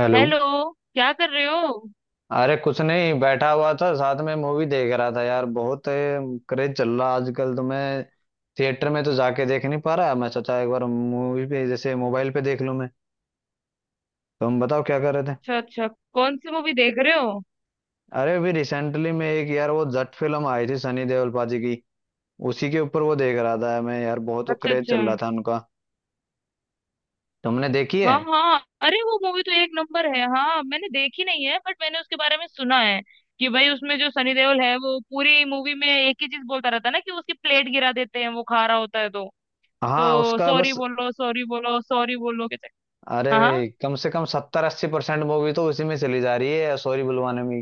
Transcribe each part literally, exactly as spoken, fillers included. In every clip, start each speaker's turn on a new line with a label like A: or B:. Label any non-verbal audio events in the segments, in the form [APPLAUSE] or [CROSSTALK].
A: Hello.
B: Hello. क्या कर रहे हो?
A: अरे कुछ नहीं, बैठा हुआ था, साथ में मूवी देख रहा था यार। बहुत क्रेज चल रहा आजकल, तो मैं थिएटर में तो जाके देख नहीं पा रहा। मैं सोचा एक बार मूवी पे जैसे मोबाइल पे देख लूं। मैं तुम बताओ क्या कर रहे थे।
B: अच्छा अच्छा। कौन सी मूवी देख रहे हो?
A: अरे अभी रिसेंटली में एक, यार, वो जट फिल्म आई थी सनी देओल पाजी की। उसी के ऊपर वो देख रहा था मैं। यार बहुत
B: अच्छा
A: क्रेज
B: अच्छा।
A: चल रहा था उनका। तुमने देखी है?
B: हाँ हाँ, अरे वो मूवी तो एक नंबर है। हाँ, मैंने देखी नहीं है बट मैंने उसके बारे में सुना है कि भाई उसमें जो सनी देओल है वो पूरी मूवी में एक ही चीज बोलता रहता है ना कि उसकी प्लेट गिरा देते हैं वो खा रहा होता है तो
A: हाँ
B: तो
A: उसका
B: सॉरी
A: बस।
B: बोलो, सॉरी बोलो, सॉरी बोलो कहते।
A: अरे
B: हाँ
A: भाई, कम से कम सत्तर अस्सी परसेंट मूवी तो उसी में चली जा रही है सॉरी बुलवाने में।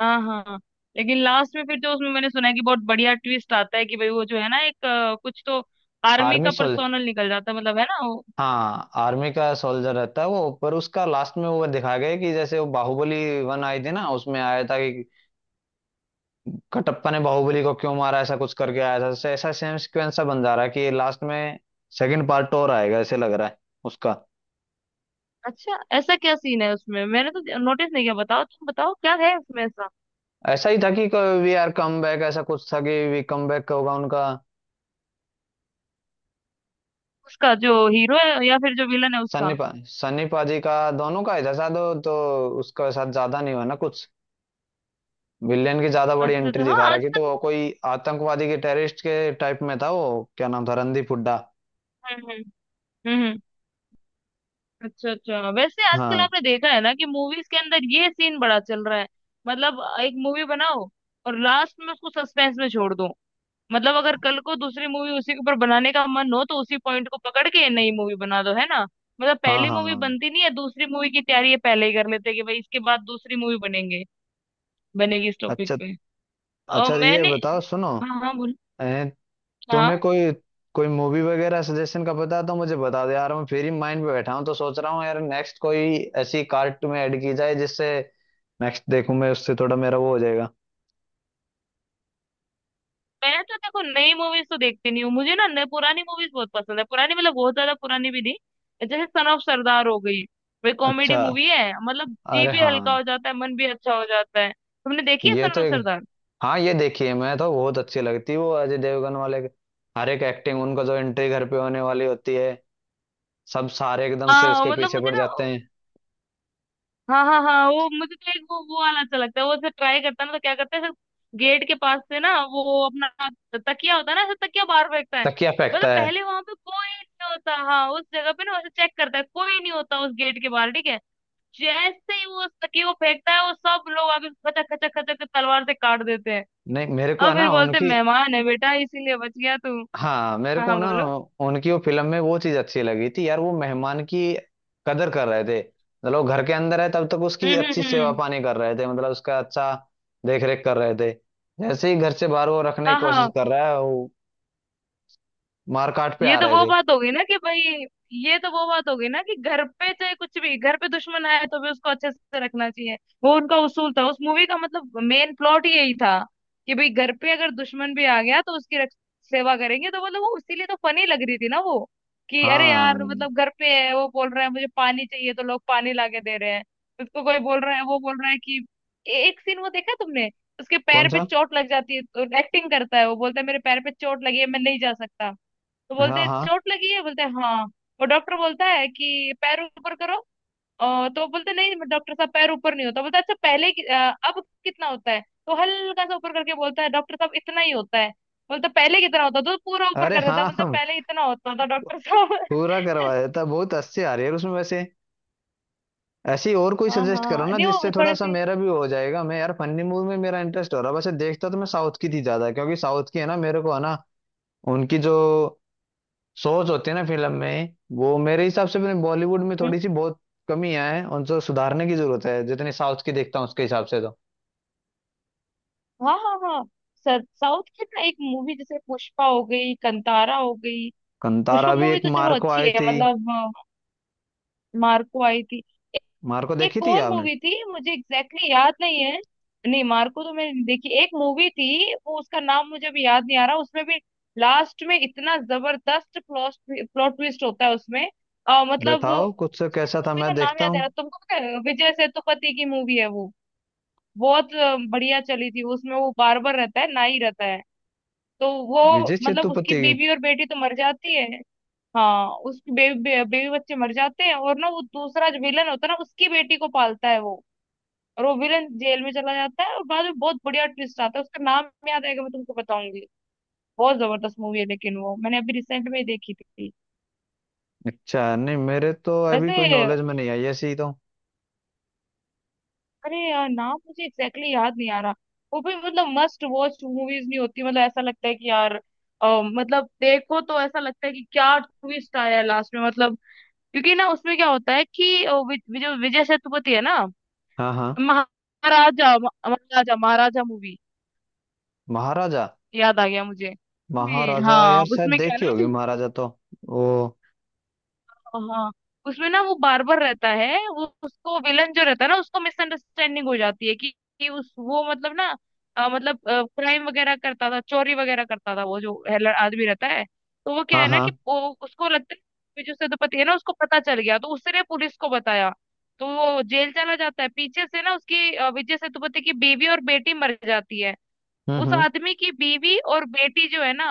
B: हाँ हाँ हाँ। लेकिन लास्ट में फिर जो उसमें मैंने सुना है कि बहुत बढ़िया ट्विस्ट आता है कि भाई वो जो है ना एक अ, कुछ तो आर्मी
A: आर्मी।
B: का पर्सोनल निकल जाता है, मतलब है ना।
A: हाँ, आर्मी का सोल्जर रहता है वो। पर उसका लास्ट में वो दिखाया गया है कि जैसे वो बाहुबली वन आई थी ना, उसमें आया था कि कटप्पा ने बाहुबली को क्यों मारा, ऐसा कुछ करके आया था। ऐसा, ऐसा सेम सिक्वेंस सा बन जा रहा है कि ये लास्ट में सेकंड पार्ट और आएगा ऐसे लग रहा है उसका।
B: अच्छा, ऐसा क्या सीन है उसमें? मैंने तो नोटिस नहीं किया। बताओ, तुम बताओ क्या है उसमें ऐसा।
A: ऐसा ही था कि वी आर कम बैक, ऐसा कुछ था कि वी कम बैक होगा उनका।
B: उसका जो हीरो है या फिर जो विलन है
A: सन्नी
B: उसका?
A: पा सन्नी पाजी का। दोनों का ही था शायद वो, तो उसका साथ ज्यादा नहीं हुआ ना कुछ। विलेन की ज्यादा बड़ी
B: अच्छा
A: एंट्री
B: अच्छा,
A: दिखा
B: हाँ।
A: रखी, तो
B: आजकल
A: वो कोई आतंकवादी के टेररिस्ट के टाइप में था। वो क्या नाम था, रणदीप हुड्डा।
B: हम्म हम्म। हम्म, हम्म। अच्छा अच्छा, वैसे आजकल
A: हाँ
B: आपने देखा है ना कि मूवीज के अंदर ये सीन बड़ा चल रहा है। मतलब एक मूवी बनाओ और लास्ट में उसको सस्पेंस में छोड़ दो। मतलब अगर कल को दूसरी मूवी उसी के ऊपर बनाने का मन हो तो उसी पॉइंट को पकड़ के नई मूवी बना दो, है ना। मतलब
A: हाँ
B: पहली मूवी
A: हाँ।
B: बनती नहीं है, दूसरी मूवी की तैयारी ये पहले ही कर लेते हैं कि भाई इसके बाद दूसरी मूवी बनेंगे, बनेगी इस टॉपिक
A: अच्छा
B: पे। और
A: अच्छा, ये
B: मैंने
A: बताओ, सुनो,
B: हाँ हाँ बोल।
A: ए, तुम्हें
B: हाँ,
A: कोई, कोई मूवी वगैरह सजेशन का पता है तो मुझे बता दो यार। मैं फिर ही माइंड पे बैठा हूँ, तो सोच रहा हूँ यार नेक्स्ट कोई ऐसी कार्ट में ऐड की जाए जिससे नेक्स्ट देखूं मैं, उससे थोड़ा मेरा वो हो जाएगा।
B: मैं तो देखो नई मूवीज तो देखती नहीं हूँ। मुझे ना नई पुरानी मूवीज बहुत पसंद है। पुरानी मतलब बहुत ज्यादा पुरानी भी नहीं, जैसे सन ऑफ सरदार हो गई। वे कॉमेडी
A: अच्छा।
B: मूवी है, मतलब जी
A: अरे
B: भी हल्का
A: हाँ।
B: हो जाता है, मन भी अच्छा हो जाता है। तुमने देखी है
A: ये
B: सन
A: तो
B: ऑफ
A: एक
B: सरदार?
A: हाँ ये देखिए, मैं तो बहुत अच्छी लगती है वो अजय देवगन वाले के। हर एक एक्टिंग उनका, जो एंट्री घर पे होने वाली होती है, सब सारे एकदम से
B: हाँ,
A: उसके
B: मतलब
A: पीछे
B: मुझे
A: पड़
B: ना।
A: जाते हैं।
B: हाँ हाँ हाँ, वो मुझे तो एक वो वो वाला अच्छा लगता है। वो ऐसे ट्राई करता है ना, तो क्या करता है, गेट के पास से ना, वो अपना तकिया होता है ना, ऐसे तकिया बाहर फेंकता है।
A: तकिया फेंकता
B: मतलब
A: है?
B: पहले वहां पे कोई नहीं होता, हाँ उस जगह पे ना, उसे चेक करता है कोई नहीं होता उस गेट के बाहर, ठीक है। जैसे ही वो उस तकिए को फेंकता है वो सब लोग आके खचक खचक खचक के तलवार से काट देते हैं
A: नहीं, मेरे को
B: और
A: है
B: फिर
A: ना
B: बोलते हैं,
A: उनकी।
B: मेहमान है बेटा इसीलिए बच गया तू।
A: हाँ, मेरे
B: हाँ
A: को
B: हाँ
A: ना
B: बोलो।
A: उनकी वो फिल्म में वो चीज अच्छी लगी थी यार, वो मेहमान की कदर कर रहे थे। मतलब वो घर के अंदर है तब तक उसकी
B: हम्म
A: अच्छी
B: हम्म
A: सेवा
B: हम्म।
A: पानी कर रहे थे, मतलब उसका अच्छा देख रेख कर रहे थे। जैसे ही घर से बाहर वो रखने की
B: हाँ
A: कोशिश
B: हाँ।
A: कर रहा है, वो मारकाट पे
B: ये
A: आ
B: तो
A: रहे
B: वो
A: थे।
B: बात होगी ना कि भाई ये तो वो बात होगी ना कि घर पे चाहे कुछ भी, घर पे दुश्मन आए तो भी उसको अच्छे से रखना चाहिए। वो उनका उसूल था उस मूवी का, मतलब मेन प्लॉट ही यही था कि भाई घर पे अगर दुश्मन भी आ गया तो उसकी रख, सेवा करेंगे, तो मतलब वो इसीलिए तो फनी लग रही थी ना वो, कि अरे यार,
A: हाँ।
B: मतलब घर पे है, वो बोल रहा है मुझे पानी चाहिए तो लोग पानी लाके दे रहे हैं। उसको कोई बोल रहा है, वो बोल रहा है कि ए- एक सीन वो देखा तुमने? उसके
A: कौन
B: पैर पे
A: सा?
B: चोट लग जाती है, एक्टिंग करता है, वो बोलता है मेरे पैर पे चोट लगी है मैं नहीं जा सकता। तो बोलते
A: हाँ
B: हैं,
A: हाँ।
B: चोट लगी है? बोलते हैं, हाँ। और डॉक्टर बोलता है कि पैर ऊपर करो। अ, तो बोलते नहीं डॉक्टर साहब पैर ऊपर नहीं होता, बोलता अच्छा पहले कि- अ, अब कितना होता है। तो हल्का सा ऊपर करके बोलता है डॉक्टर साहब इतना ही होता है। बोलता पहले कितना होता था, तो पूरा ऊपर
A: अरे
B: कर देता है।
A: हाँ,
B: बोलता
A: हम
B: पहले इतना होता था डॉक्टर साहब।
A: पूरा
B: [LAUGHS]
A: करवाया था। बहुत अच्छी आ रही है उसमें वैसे। ऐसी और कोई
B: हाँ
A: सजेस्ट करो
B: हाँ,
A: ना,
B: नहीं
A: जिससे
B: वो
A: थोड़ा
B: थोड़े
A: सा
B: से।
A: मेरा भी हो जाएगा। मैं यार फनी मूवी में मेरा इंटरेस्ट हो रहा है, वैसे देखता तो मैं साउथ की थी ज्यादा, क्योंकि साउथ की है ना, मेरे को है ना उनकी जो सोच होती है ना फिल्म में, वो मेरे हिसाब से बॉलीवुड में
B: हम्म,
A: थोड़ी सी बहुत कमियां हैं, उनको सुधारने की जरूरत है जितनी साउथ की देखता हूँ उसके हिसाब से तो।
B: हाँ हाँ हाँ सर। साउथ की ना एक मूवी, जैसे पुष्पा हो गई, कंतारा हो गई। पुष्पा
A: कंतारा भी
B: मूवी
A: एक,
B: तो चलो
A: मार्को
B: अच्छी
A: आई
B: है,
A: थी।
B: मतलब अ, मार्को आई थी।
A: मार्को देखी
B: एक
A: थी
B: और
A: आपने?
B: मूवी थी, मुझे एग्जैक्टली exactly याद नहीं है। नहीं, मार्को तो मैंने नहीं देखी। एक मूवी थी वो, उसका नाम मुझे अभी याद नहीं आ रहा, उसमें भी लास्ट में इतना जबरदस्त प्लॉट प्लॉट ट्विस्ट होता है उसमें। अ, मतलब
A: बताओ कुछ, कैसा था
B: मूवी का
A: मैं
B: नाम
A: देखता
B: याद आ
A: हूँ।
B: रहा, तुमको पता है विजय सेतुपति की मूवी है वो। बहुत अ, बढ़िया चली थी वो, उसमें वो बार्बर रहता है, नाई रहता है। तो वो,
A: विजय
B: मतलब
A: सेतुपति
B: उसकी
A: की।
B: बीवी और बेटी तो मर जाती है। हाँ, उसके बेबी बेबी बच्चे मर जाते हैं और ना, वो दूसरा जो विलन होता है ना उसकी बेटी को पालता है वो, रोविलन जेल में चला जाता है और बाद में बहुत बढ़िया ट्विस्ट आता है। उसका नाम याद आएगा, मैं तुमको बताऊंगी, बहुत जबरदस्त मूवी है, लेकिन वो मैंने अभी रिसेंट में ही देखी थी।
A: अच्छा, नहीं मेरे तो अभी
B: वैसे
A: कोई नॉलेज में नहीं आई ऐसी तो।
B: अरे यार, नाम मुझे एग्जैक्टली exactly याद नहीं आ रहा। वो भी मतलब मस्ट वॉच मूवीज नहीं होती, मतलब ऐसा लगता है कि यार अ, मतलब देखो तो ऐसा लगता है कि क्या ट्विस्ट आया लास्ट में, मतलब क्योंकि ना उसमें क्या होता है कि अ, वि- वि- जो विजय सेतुपति है ना।
A: हाँ हाँ।
B: महाराजा, महाराजा, महाराजा मूवी,
A: महाराजा।
B: याद आ गया मुझे उसमें-
A: महाराजा
B: हाँ,
A: यार शायद
B: उसमें क्या है
A: देखी
B: ना,
A: होगी। महाराजा तो वो।
B: हाँ उसमें ना वो बार्बर रहता है, वो उसको विलन जो रहता है ना उसको मिसअंडरस्टैंडिंग हो जाती है कि, कि उस वो मतलब ना, अ, मतलब क्राइम वगैरह करता था, चोरी वगैरह करता था, वो जो है ल- आदमी रहता है। तो वो क्या
A: हाँ
B: है ना
A: हाँ।
B: कि वो, उसको लगता है कि जो सेनापति है ना उसको पता चल गया, तो उसने पुलिस को बताया। तो वो जेल चला जाता है, पीछे से ना उसकी अ, विजय सेतुपति की बीवी और बेटी मर जाती है।
A: हम्म
B: उस
A: हम्म।
B: आदमी की बीवी और बेटी जो है ना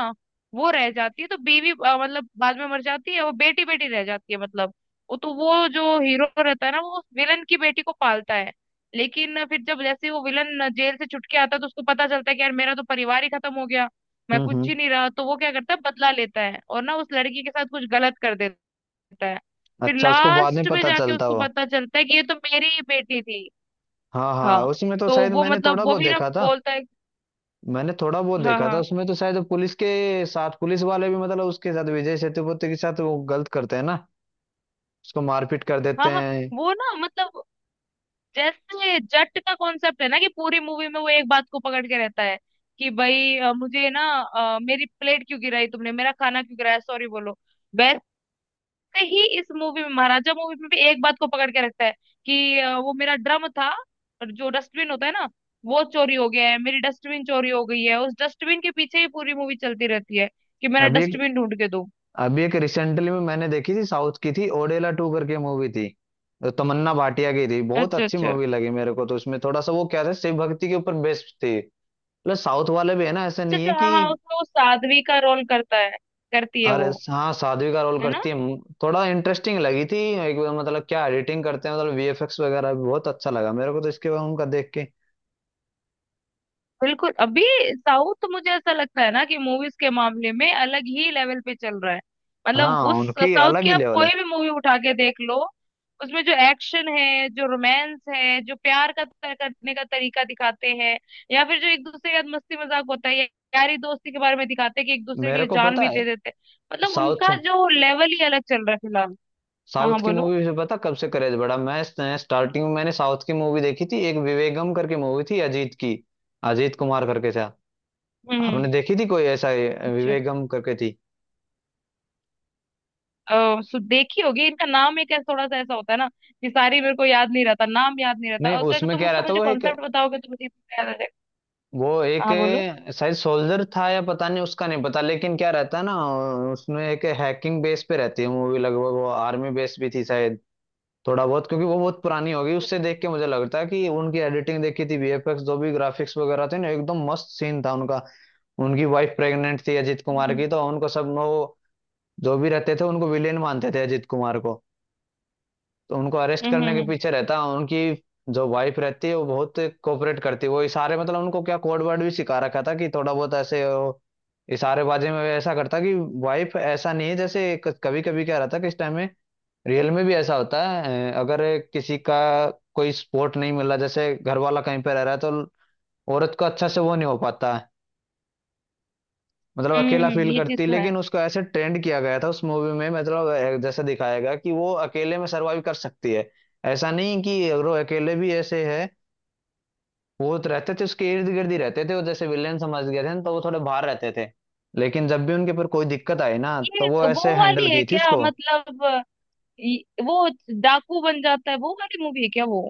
B: वो रह जाती है। तो बीवी अ, मतलब बाद में मर जाती है, वो बेटी बेटी रह जाती है, मतलब वो, तो वो जो हीरो रहता है ना वो विलन की बेटी को पालता है। लेकिन फिर जब जैसे वो विलन जेल से छुटके आता है तो उसको पता चलता है कि यार मेरा तो परिवार ही खत्म हो गया, मैं
A: हम्म
B: कुछ
A: हम्म।
B: ही नहीं रहा, तो वो क्या करता है बदला लेता है और ना उस लड़की के साथ कुछ गलत कर देता है। फिर
A: अच्छा, उसको बाद में
B: लास्ट में
A: पता
B: जाके
A: चलता
B: उसको
A: वो।
B: पता चलता है कि ये तो मेरी ही बेटी थी।
A: हाँ हाँ,
B: हाँ,
A: उसमें तो
B: तो
A: शायद
B: वो
A: मैंने थोड़ा
B: मतलब वो
A: बहुत
B: भी ना
A: देखा था।
B: बोलता है।
A: मैंने थोड़ा बहुत
B: हाँ
A: देखा था
B: हाँ
A: उसमें, तो शायद पुलिस के साथ, पुलिस वाले भी मतलब उसके साथ, विजय सेतुपति के साथ वो गलत करते हैं ना, उसको मारपीट कर देते
B: हाँ हाँ।
A: हैं।
B: वो ना, मतलब जैसे जट का कॉन्सेप्ट है ना कि पूरी मूवी में वो एक बात को पकड़ के रहता है कि भाई अ, मुझे ना अ, मेरी प्लेट क्यों गिराई तुमने, मेरा खाना क्यों गिराया, सॉरी बोलो। वैसे ही इस मूवी में, महाराजा मूवी में भी एक बात को पकड़ के रखता है कि अ, वो मेरा ड्रम था, और जो डस्टबिन होता है ना वो चोरी हो गया है, मेरी डस्टबिन चोरी हो गई है, उस डस्टबिन के पीछे ही पूरी मूवी चलती रहती है कि मेरा
A: अभी,
B: डस्टबिन ढूंढ के दो।
A: अभी एक रिसेंटली में मैंने देखी थी, साउथ की थी, ओडेला टू करके मूवी थी। तो तमन्ना भाटिया की थी, बहुत
B: अच्छा
A: अच्छी
B: अच्छा,
A: मूवी लगी मेरे को तो। उसमें थोड़ा सा वो क्या था, शिव भक्ति के ऊपर बेस्ड थी। मतलब साउथ वाले भी है ना, ऐसे
B: अच्छा
A: नहीं है
B: अच्छा, हाँ
A: कि।
B: हाँ, उसमें वो साध्वी का रोल करता है, करती है
A: अरे
B: वो,
A: हाँ, साध्वी का रोल
B: है ना।
A: करती है। थोड़ा इंटरेस्टिंग लगी थी एक बार, मतलब क्या एडिटिंग करते हैं, मतलब वी एफ एक्स वगैरह भी बहुत अच्छा लगा मेरे को तो, इसके बाद उनका देख के।
B: बिल्कुल, अभी साउथ मुझे ऐसा लगता है ना कि मूवीज के मामले में अलग ही लेवल पे चल रहा है। मतलब
A: हाँ,
B: उस
A: उनकी
B: साउथ
A: अलग
B: की
A: ही
B: आप
A: लेवल है।
B: कोई भी मूवी उठा के देख लो, उसमें जो एक्शन है, जो रोमांस है, जो प्यार का तर- करने का तरीका दिखाते हैं, या फिर जो एक दूसरे के साथ मस्ती मजाक होता है, या यारी दोस्ती के बारे में दिखाते हैं कि एक दूसरे के
A: मेरे
B: लिए
A: को
B: जान
A: पता
B: भी
A: है।
B: दे देते हैं, मतलब
A: साउथ
B: उनका जो लेवल ही अलग चल रहा है फिलहाल। हाँ
A: साउथ
B: हाँ
A: की
B: बोलो।
A: मूवी से पता कब से क्रेज बढ़ा मैं। स्टार्टिंग में मैंने साउथ की मूवी देखी थी, एक विवेगम करके मूवी थी अजीत की। अजीत कुमार करके था।
B: हम्म
A: आपने
B: हम्म,
A: देखी थी कोई ऐसा, ये,
B: अच्छा।
A: विवेगम करके थी?
B: अ, सु- देखी होगी, इनका नाम एक ऐसा थोड़ा सा ऐसा होता है ना कि सारी मेरे को याद नहीं रहता, नाम याद नहीं रहता,
A: नहीं,
B: अगर
A: उसमें
B: तुम
A: क्या
B: उसका
A: रहता,
B: मुझे
A: वो एक
B: कॉन्सेप्ट बताओगे तो मुझे इतना याद आ जाएगा।
A: वो एक
B: हाँ बोलो।
A: शायद सोल्जर था या पता नहीं, उसका नहीं पता, लेकिन क्या रहता ना, उसमें एक हैकिंग बेस पे रहती है मूवी लगभग। वो आर्मी बेस भी थी शायद थोड़ा बहुत, क्योंकि वो बहुत पुरानी होगी उससे। देख के मुझे लगता है कि उनकी एडिटिंग देखी थी, वी एफ एक्स जो भी ग्राफिक्स वगैरह थे ना, एकदम मस्त सीन था उनका। उनकी वाइफ प्रेग्नेंट थी अजीत कुमार
B: हम्म
A: की, तो उनको सब वो जो भी रहते थे, उनको विलेन मानते थे अजीत कुमार को, तो उनको अरेस्ट
B: हम्म
A: करने के
B: हम्म।
A: पीछे रहता। उनकी जो वाइफ रहती है वो बहुत कोऑपरेट करती है, वो इशारे, मतलब उनको क्या कोड वर्ड भी सिखा रखा था कि थोड़ा बहुत ऐसे, वो इशारेबाजी में वो ऐसा करता कि वाइफ ऐसा नहीं है जैसे, कभी कभी क्या रहता कि इस टाइम में रियल में भी ऐसा होता है, अ, अगर किसी का कोई सपोर्ट नहीं मिला, जैसे घर वाला कहीं पे रह रहा है, तो औरत को अच्छा से वो नहीं हो पाता है, मतलब
B: हम्म,
A: अकेला
B: हम्म,
A: फील
B: ये चीज
A: करती है।
B: तो है।
A: लेकिन उसको ऐसे ट्रेंड किया गया था उस मूवी में, मतलब अ, जैसे दिखाया गया कि वो अकेले में सर्वाइव कर सकती है। ऐसा नहीं कि अगर वो अकेले भी ऐसे है। वो तो रहते थे उसके इर्द गिर्द ही रहते थे, वो जैसे विलेन समझ गए थे ना, तो वो थोड़े बाहर रहते थे, लेकिन जब भी उनके पर कोई दिक्कत आई ना, तो
B: ये
A: वो ऐसे
B: वो
A: हैंडल
B: वाली है
A: की थी
B: क्या,
A: उसको।
B: मतलब अ, ये- वो डाकू बन जाता है वो वाली मूवी है क्या वो?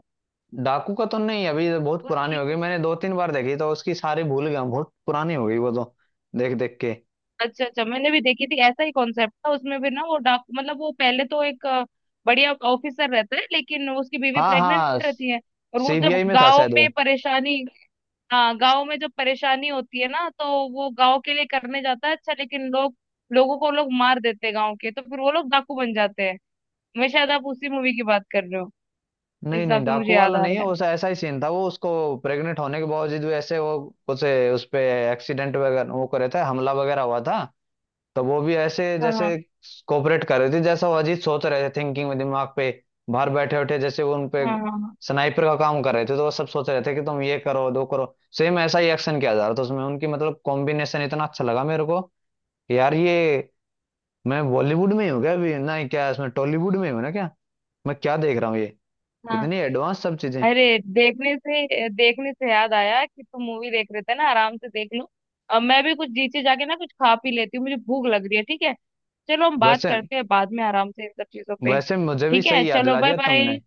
A: डाकू का तो नहीं, अभी तो बहुत पुरानी
B: उसकी।
A: हो गई, मैंने दो तीन बार देखी तो उसकी सारी भूल गया हूँ, बहुत पुरानी हो गई वो तो, देख देख के।
B: अच्छा अच्छा, मैंने भी देखी थी, ऐसा ही कॉन्सेप्ट था उसमें भी ना, वो डाकू मतलब वो पहले तो एक अ, बढ़िया ऑफिसर रहता है लेकिन उसकी बीवी
A: हाँ
B: प्रेग्नेंट
A: हाँ।
B: रहती है। और वो जब
A: सी बी आई में था
B: गांव
A: शायद
B: में
A: वो।
B: परेशानी, हाँ गांव में जब परेशानी होती है ना तो वो गांव के लिए करने जाता है, अच्छा, लेकिन लोग, लोगों को लोग मार देते हैं गांव के, तो फिर वो लोग डाकू बन जाते हैं। मैं शायद, आप उसी मूवी की बात कर रहे हो, इस
A: नहीं
B: हिसाब
A: नहीं,
B: से मुझे
A: डाकू
B: याद
A: वाला
B: आ
A: नहीं है
B: रहा है।
A: उस। ऐसा ही सीन था वो, उसको प्रेग्नेंट होने के बावजूद भी ऐसे वो उसे, उस पे एक्सीडेंट वगैरह वो करे थे, हमला वगैरह हुआ था, तो वो भी ऐसे
B: हाँ हाँ
A: जैसे कोऑपरेट कर रहे थे, जैसा वो अजीत सोच रहे थे, थिंकिंग में दिमाग पे बाहर बैठे उठे जैसे, वो उन पे
B: हाँ हाँ
A: स्नाइपर का काम कर रहे थे, तो वो सब सोच रहे थे कि तुम ये करो दो करो, सेम ऐसा ही एक्शन किया जा रहा था उसमें। उनकी मतलब कॉम्बिनेशन इतना अच्छा लगा मेरे को कि यार ये मैं बॉलीवुड में ही हूँ क्या अभी, ना ही क्या इसमें टॉलीवुड में हूँ ना क्या, मैं क्या देख रहा हूँ ये
B: हाँ हाँ।
A: इतनी एडवांस सब चीजें।
B: अरे देखने से देखने से याद आया कि तुम मूवी देख रहे थे ना, आराम से देख लो। अब मैं भी कुछ नीचे जाके ना कुछ खा पी लेती हूँ, मुझे भूख लग रही है, ठीक है। चलो, हम बात
A: वैसे
B: करते हैं बाद में आराम से इन सब चीजों पे,
A: वैसे मुझे भी
B: ठीक है,
A: सही याद
B: चलो
A: दिला
B: बाय
A: दिया
B: बाय।
A: तुमने।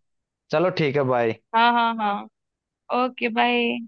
A: चलो ठीक है, बाय।
B: हाँ हाँ हाँ। Okay bye.